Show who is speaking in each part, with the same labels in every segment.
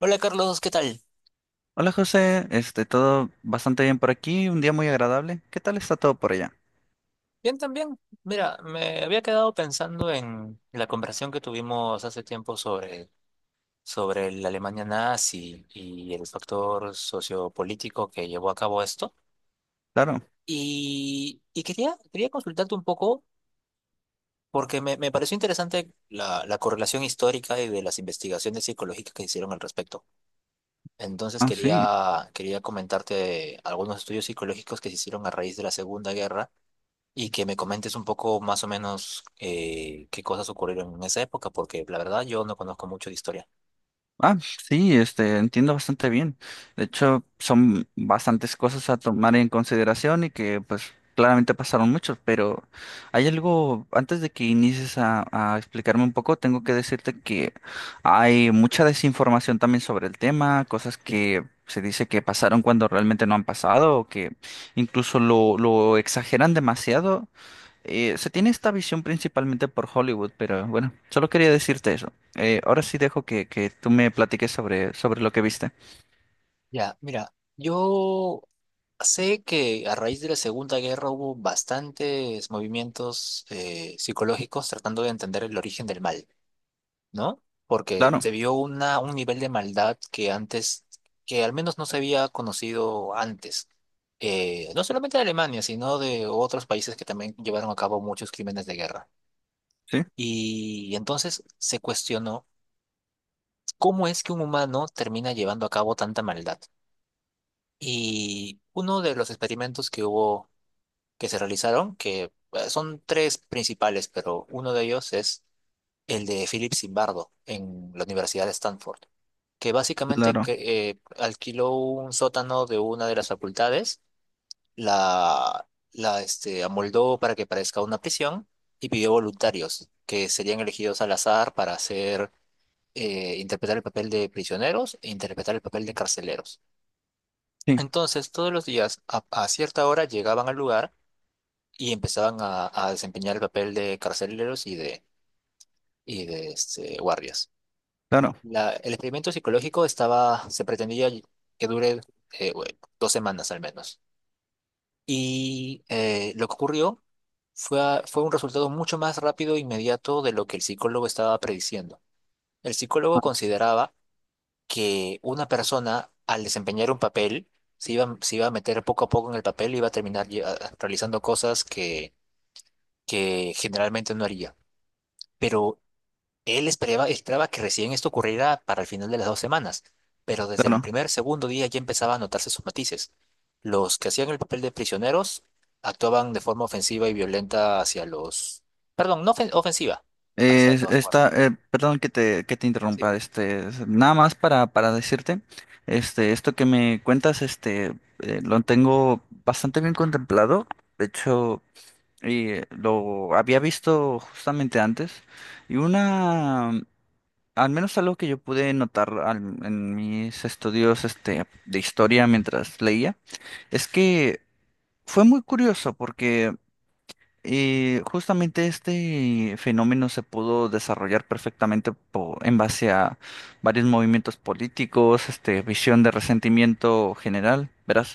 Speaker 1: Hola Carlos, ¿qué tal?
Speaker 2: Hola José, todo bastante bien por aquí, un día muy agradable. ¿Qué tal está todo por allá?
Speaker 1: Bien también. Mira, me había quedado pensando en la conversación que tuvimos hace tiempo sobre la Alemania nazi y el factor sociopolítico que llevó a cabo esto.
Speaker 2: Claro.
Speaker 1: Quería consultarte un poco porque me pareció interesante la correlación histórica y de las investigaciones psicológicas que se hicieron al respecto. Entonces
Speaker 2: Ah, sí.
Speaker 1: quería comentarte algunos estudios psicológicos que se hicieron a raíz de la Segunda Guerra. Y que me comentes un poco más o menos qué cosas ocurrieron en esa época, porque la verdad yo no conozco mucho de historia.
Speaker 2: Ah, sí, entiendo bastante bien. De hecho, son bastantes cosas a tomar en consideración y que, pues, claramente pasaron muchos, pero hay algo, antes de que inicies a explicarme un poco, tengo que decirte que hay mucha desinformación también sobre el tema, cosas que se dice que pasaron cuando realmente no han pasado o que incluso lo exageran demasiado. Se tiene esta visión principalmente por Hollywood, pero bueno, solo quería decirte eso. Ahora sí dejo que tú me platiques sobre lo que viste.
Speaker 1: Ya, mira, yo sé que a raíz de la Segunda Guerra hubo bastantes movimientos psicológicos tratando de entender el origen del mal, ¿no? Porque
Speaker 2: Claro,
Speaker 1: se vio un nivel de maldad que al menos no se había conocido antes. No solamente de Alemania, sino de otros países que también llevaron a cabo muchos crímenes de guerra.
Speaker 2: sí,
Speaker 1: Y entonces se cuestionó cómo es que un humano termina llevando a cabo tanta maldad. Y uno de los experimentos que se realizaron, que son tres principales, pero uno de ellos es el de Philip Zimbardo en la Universidad de Stanford, que básicamente
Speaker 2: claro,
Speaker 1: alquiló un sótano de una de las facultades, la, la amoldó para que parezca una prisión y pidió voluntarios que serían elegidos al azar para hacer, interpretar el papel de prisioneros e interpretar el papel de carceleros.
Speaker 2: sí,
Speaker 1: Entonces, todos los días, a cierta hora, llegaban al lugar y empezaban a desempeñar el papel de carceleros y de guardias.
Speaker 2: claro,
Speaker 1: El experimento psicológico se pretendía que dure, bueno, dos semanas al menos. Y lo que ocurrió fue un resultado mucho más rápido e inmediato de lo que el psicólogo estaba prediciendo. El psicólogo consideraba que una persona al desempeñar un papel se iba a meter poco a poco en el papel y iba a terminar realizando cosas que generalmente no haría. Pero él esperaba que recién esto ocurriera para el final de las dos semanas, pero desde el
Speaker 2: claro.
Speaker 1: segundo día ya empezaba a notarse sus matices. Los que hacían el papel de prisioneros actuaban de forma ofensiva y violenta hacia los... Perdón, no ofen- ofensiva, hacia los guardias.
Speaker 2: Perdón que te
Speaker 1: Sí.
Speaker 2: interrumpa, nada más para decirte, este, esto que me cuentas, lo tengo bastante bien contemplado. De hecho, lo había visto justamente antes. Y una. Al menos algo que yo pude en mis estudios de historia mientras leía, es que fue muy curioso porque, justamente este fenómeno se pudo desarrollar perfectamente en base a varios movimientos políticos, visión de resentimiento general, ¿verdad?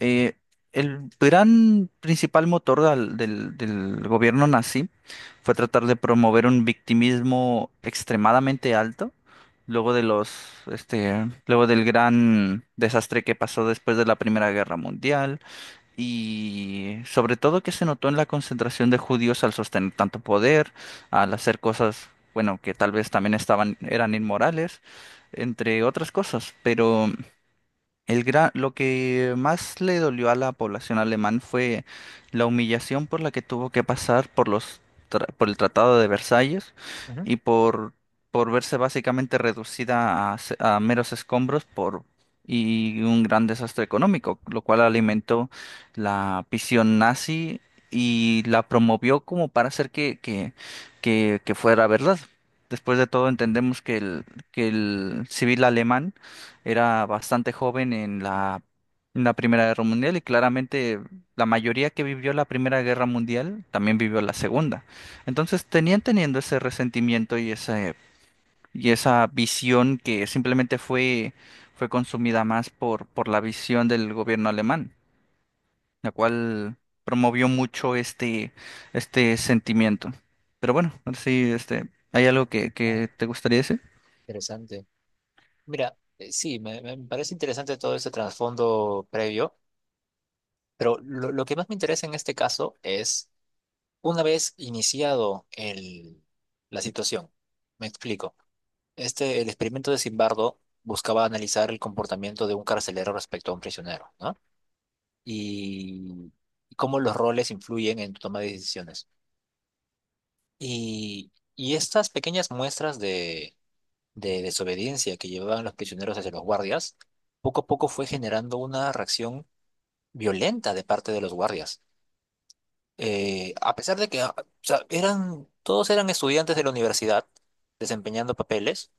Speaker 2: Eh, el gran principal motor del gobierno nazi fue tratar de promover un victimismo extremadamente alto luego de luego del gran desastre que pasó después de la Primera Guerra Mundial, y sobre todo que se notó en la concentración de judíos al sostener tanto poder, al hacer cosas, bueno, que tal vez también estaban, eran inmorales, entre otras cosas, pero lo que más le dolió a la población alemán fue la humillación por la que tuvo que pasar por por el Tratado de Versalles
Speaker 1: Ujú.
Speaker 2: y por verse básicamente reducida a meros escombros por y un gran desastre económico, lo cual alimentó la visión nazi y la promovió como para hacer que fuera verdad. Después de todo entendemos que el civil alemán era bastante joven en la Primera Guerra Mundial y claramente la mayoría que vivió la Primera Guerra Mundial también vivió la Segunda. Entonces tenían teniendo ese resentimiento y y esa visión que simplemente fue consumida más por la visión del gobierno alemán, la cual promovió mucho este sentimiento. Pero bueno, ahora sí, ¿hay algo que,
Speaker 1: Ah,
Speaker 2: que te gustaría decir?
Speaker 1: interesante. Mira, sí, me parece interesante todo ese trasfondo previo, pero lo que más me interesa en este caso es, una vez iniciado la situación, me explico. Este, el experimento de Zimbardo buscaba analizar el comportamiento de un carcelero respecto a un prisionero, ¿no? Y cómo los roles influyen en tu toma de decisiones. Y estas pequeñas muestras de desobediencia que llevaban los prisioneros hacia los guardias, poco a poco fue generando una reacción violenta de parte de los guardias. A pesar de que o sea, eran, todos eran estudiantes de la universidad desempeñando papeles,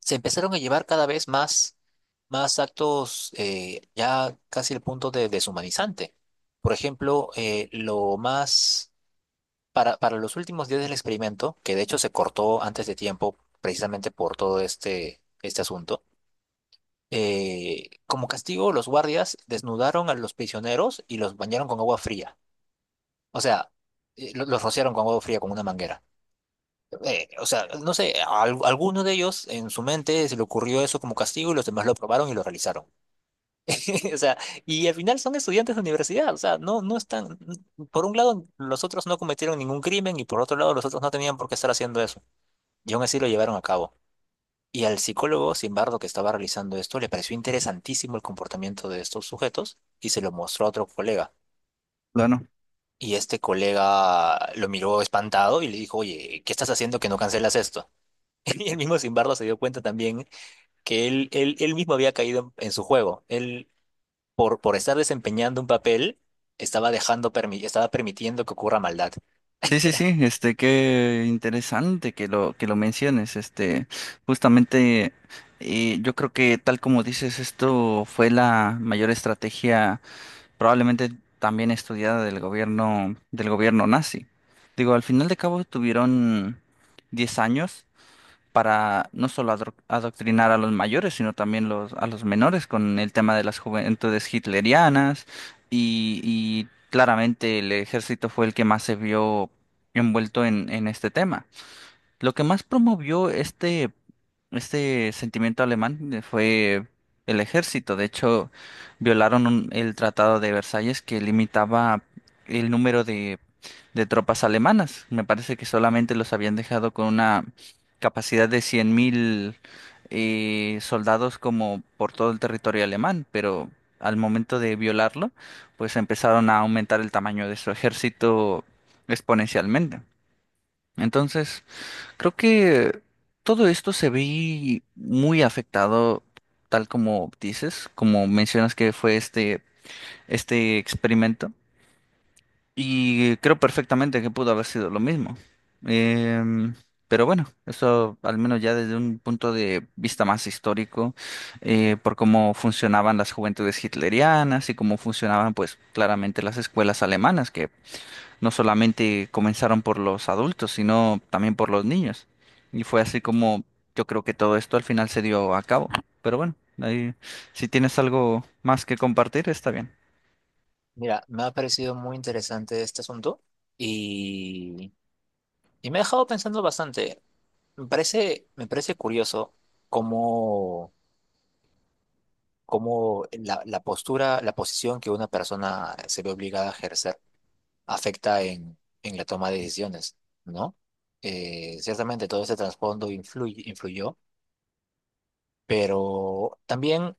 Speaker 1: se empezaron a llevar más actos, ya casi al punto de deshumanizante. Por ejemplo, lo más para los últimos días del experimento, que de hecho se cortó antes de tiempo precisamente por todo este asunto. Como castigo, los guardias desnudaron a los prisioneros y los bañaron con agua fría. O sea, los rociaron con agua fría, con una manguera. O sea, no sé, alguno de ellos en su mente se le ocurrió eso como castigo y los demás lo probaron y lo realizaron. O sea, y al final son estudiantes de universidad. O sea, no, no están. Por un lado, los otros no cometieron ningún crimen y por otro lado, los otros no tenían por qué estar haciendo eso. Y aún así lo llevaron a cabo. Y al psicólogo, sin embargo, que estaba realizando esto, le pareció interesantísimo el comportamiento de estos sujetos y se lo mostró a otro colega.
Speaker 2: Bueno.
Speaker 1: Y este colega lo miró espantado y le dijo, oye, ¿qué estás haciendo que no cancelas esto? Y el mismo Simbardo se dio cuenta también que él mismo había caído en su juego. Él, por estar desempeñando un papel, estaba estaba permitiendo que ocurra maldad.
Speaker 2: Sí, sí, sí, qué interesante que lo menciones, justamente, yo creo que tal como dices, esto fue la mayor estrategia probablemente también estudiada del gobierno nazi. Digo, al final de cabo tuvieron 10 años para no solo adoctrinar a los mayores, sino también a los menores con el tema de las juventudes hitlerianas y claramente el ejército fue el que más se vio envuelto en este tema. Lo que más promovió este sentimiento alemán, fue el ejército. De hecho, violaron el Tratado de Versalles que limitaba el número de tropas alemanas. Me parece que solamente los habían dejado con una capacidad de 100.000 soldados como por todo el territorio alemán, pero al momento de violarlo, pues empezaron a aumentar el tamaño de su ejército exponencialmente. Entonces, creo que todo esto se ve muy afectado, tal como dices, como mencionas que fue este experimento, y creo perfectamente que pudo haber sido lo mismo. Em, pero bueno, eso al menos ya desde un punto de vista más histórico, por cómo funcionaban las juventudes hitlerianas y cómo funcionaban, pues, claramente las escuelas alemanas, que no solamente comenzaron por los adultos, sino también por los niños. Y fue así como yo creo que todo esto al final se dio a cabo. Pero bueno, ahí, si tienes algo más que compartir, está bien.
Speaker 1: Mira, me ha parecido muy interesante este asunto y, y me ha dejado pensando bastante. Me parece curioso cómo, cómo la postura, la posición que una persona se ve obligada a ejercer afecta en la toma de decisiones, ¿no? Ciertamente todo ese trasfondo influyó, pero también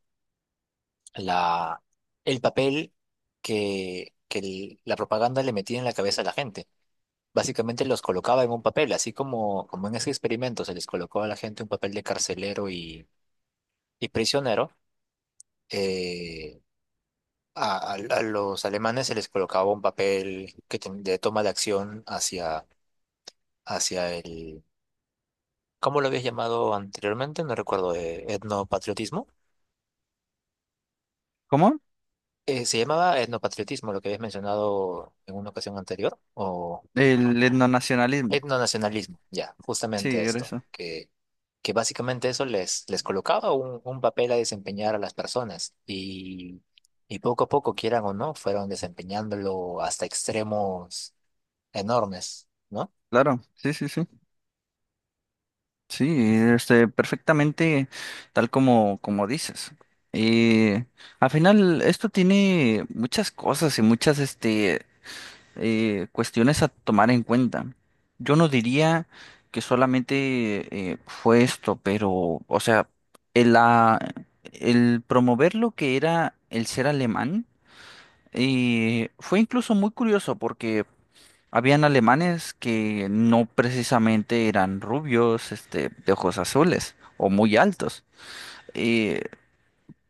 Speaker 1: la, el papel que la propaganda le metía en la cabeza a la gente. Básicamente los colocaba en un papel, así como, como en ese experimento se les colocó a la gente un papel de carcelero y prisionero. eh, a los alemanes se les colocaba un papel de toma de acción hacia, hacia el, ¿cómo lo habías llamado anteriormente? No recuerdo, etnopatriotismo.
Speaker 2: ¿Cómo?
Speaker 1: ¿Se llamaba etnopatriotismo lo que habías mencionado en una ocasión anterior? ¿O
Speaker 2: El etnonacionalismo.
Speaker 1: etnonacionalismo? Ya, justamente
Speaker 2: Sí, era
Speaker 1: esto,
Speaker 2: eso.
Speaker 1: que básicamente eso les, les colocaba un papel a desempeñar a las personas y poco a poco, quieran o no, fueron desempeñándolo hasta extremos enormes, ¿no?
Speaker 2: Claro, sí, sí, sí. Sí, perfectamente tal como dices. Y al final esto tiene muchas cosas y muchas, cuestiones a tomar en cuenta. Yo no diría que solamente fue esto, pero, o sea, el, ah, el promover lo que era el ser alemán, fue incluso muy curioso porque habían alemanes que no precisamente eran rubios, de ojos azules o muy altos. Eh,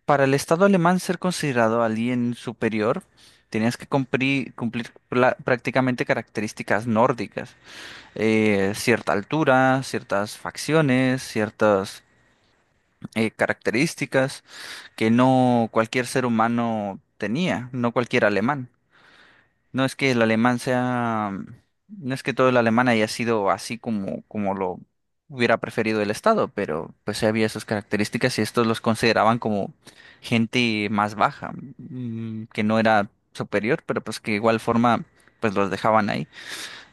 Speaker 2: para el Estado alemán ser considerado alguien superior, tenías que prácticamente características nórdicas. Cierta altura, ciertas facciones, ciertas características que no cualquier ser humano tenía, no cualquier alemán. No es que el alemán sea, no es que todo el alemán haya sido así como, como lo hubiera preferido el Estado, pero pues sí había sus características y estos los consideraban como gente más baja, mm, que no era superior, pero pues que de igual forma pues los dejaban ahí.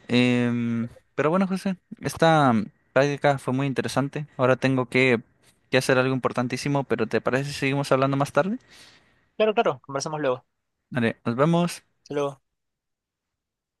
Speaker 2: Em, pero bueno, José, esta práctica fue muy interesante. Ahora tengo que hacer algo importantísimo, pero ¿te parece si seguimos hablando más tarde?
Speaker 1: Claro, claro, conversamos luego.
Speaker 2: Vale, nos vemos.
Speaker 1: Hasta luego.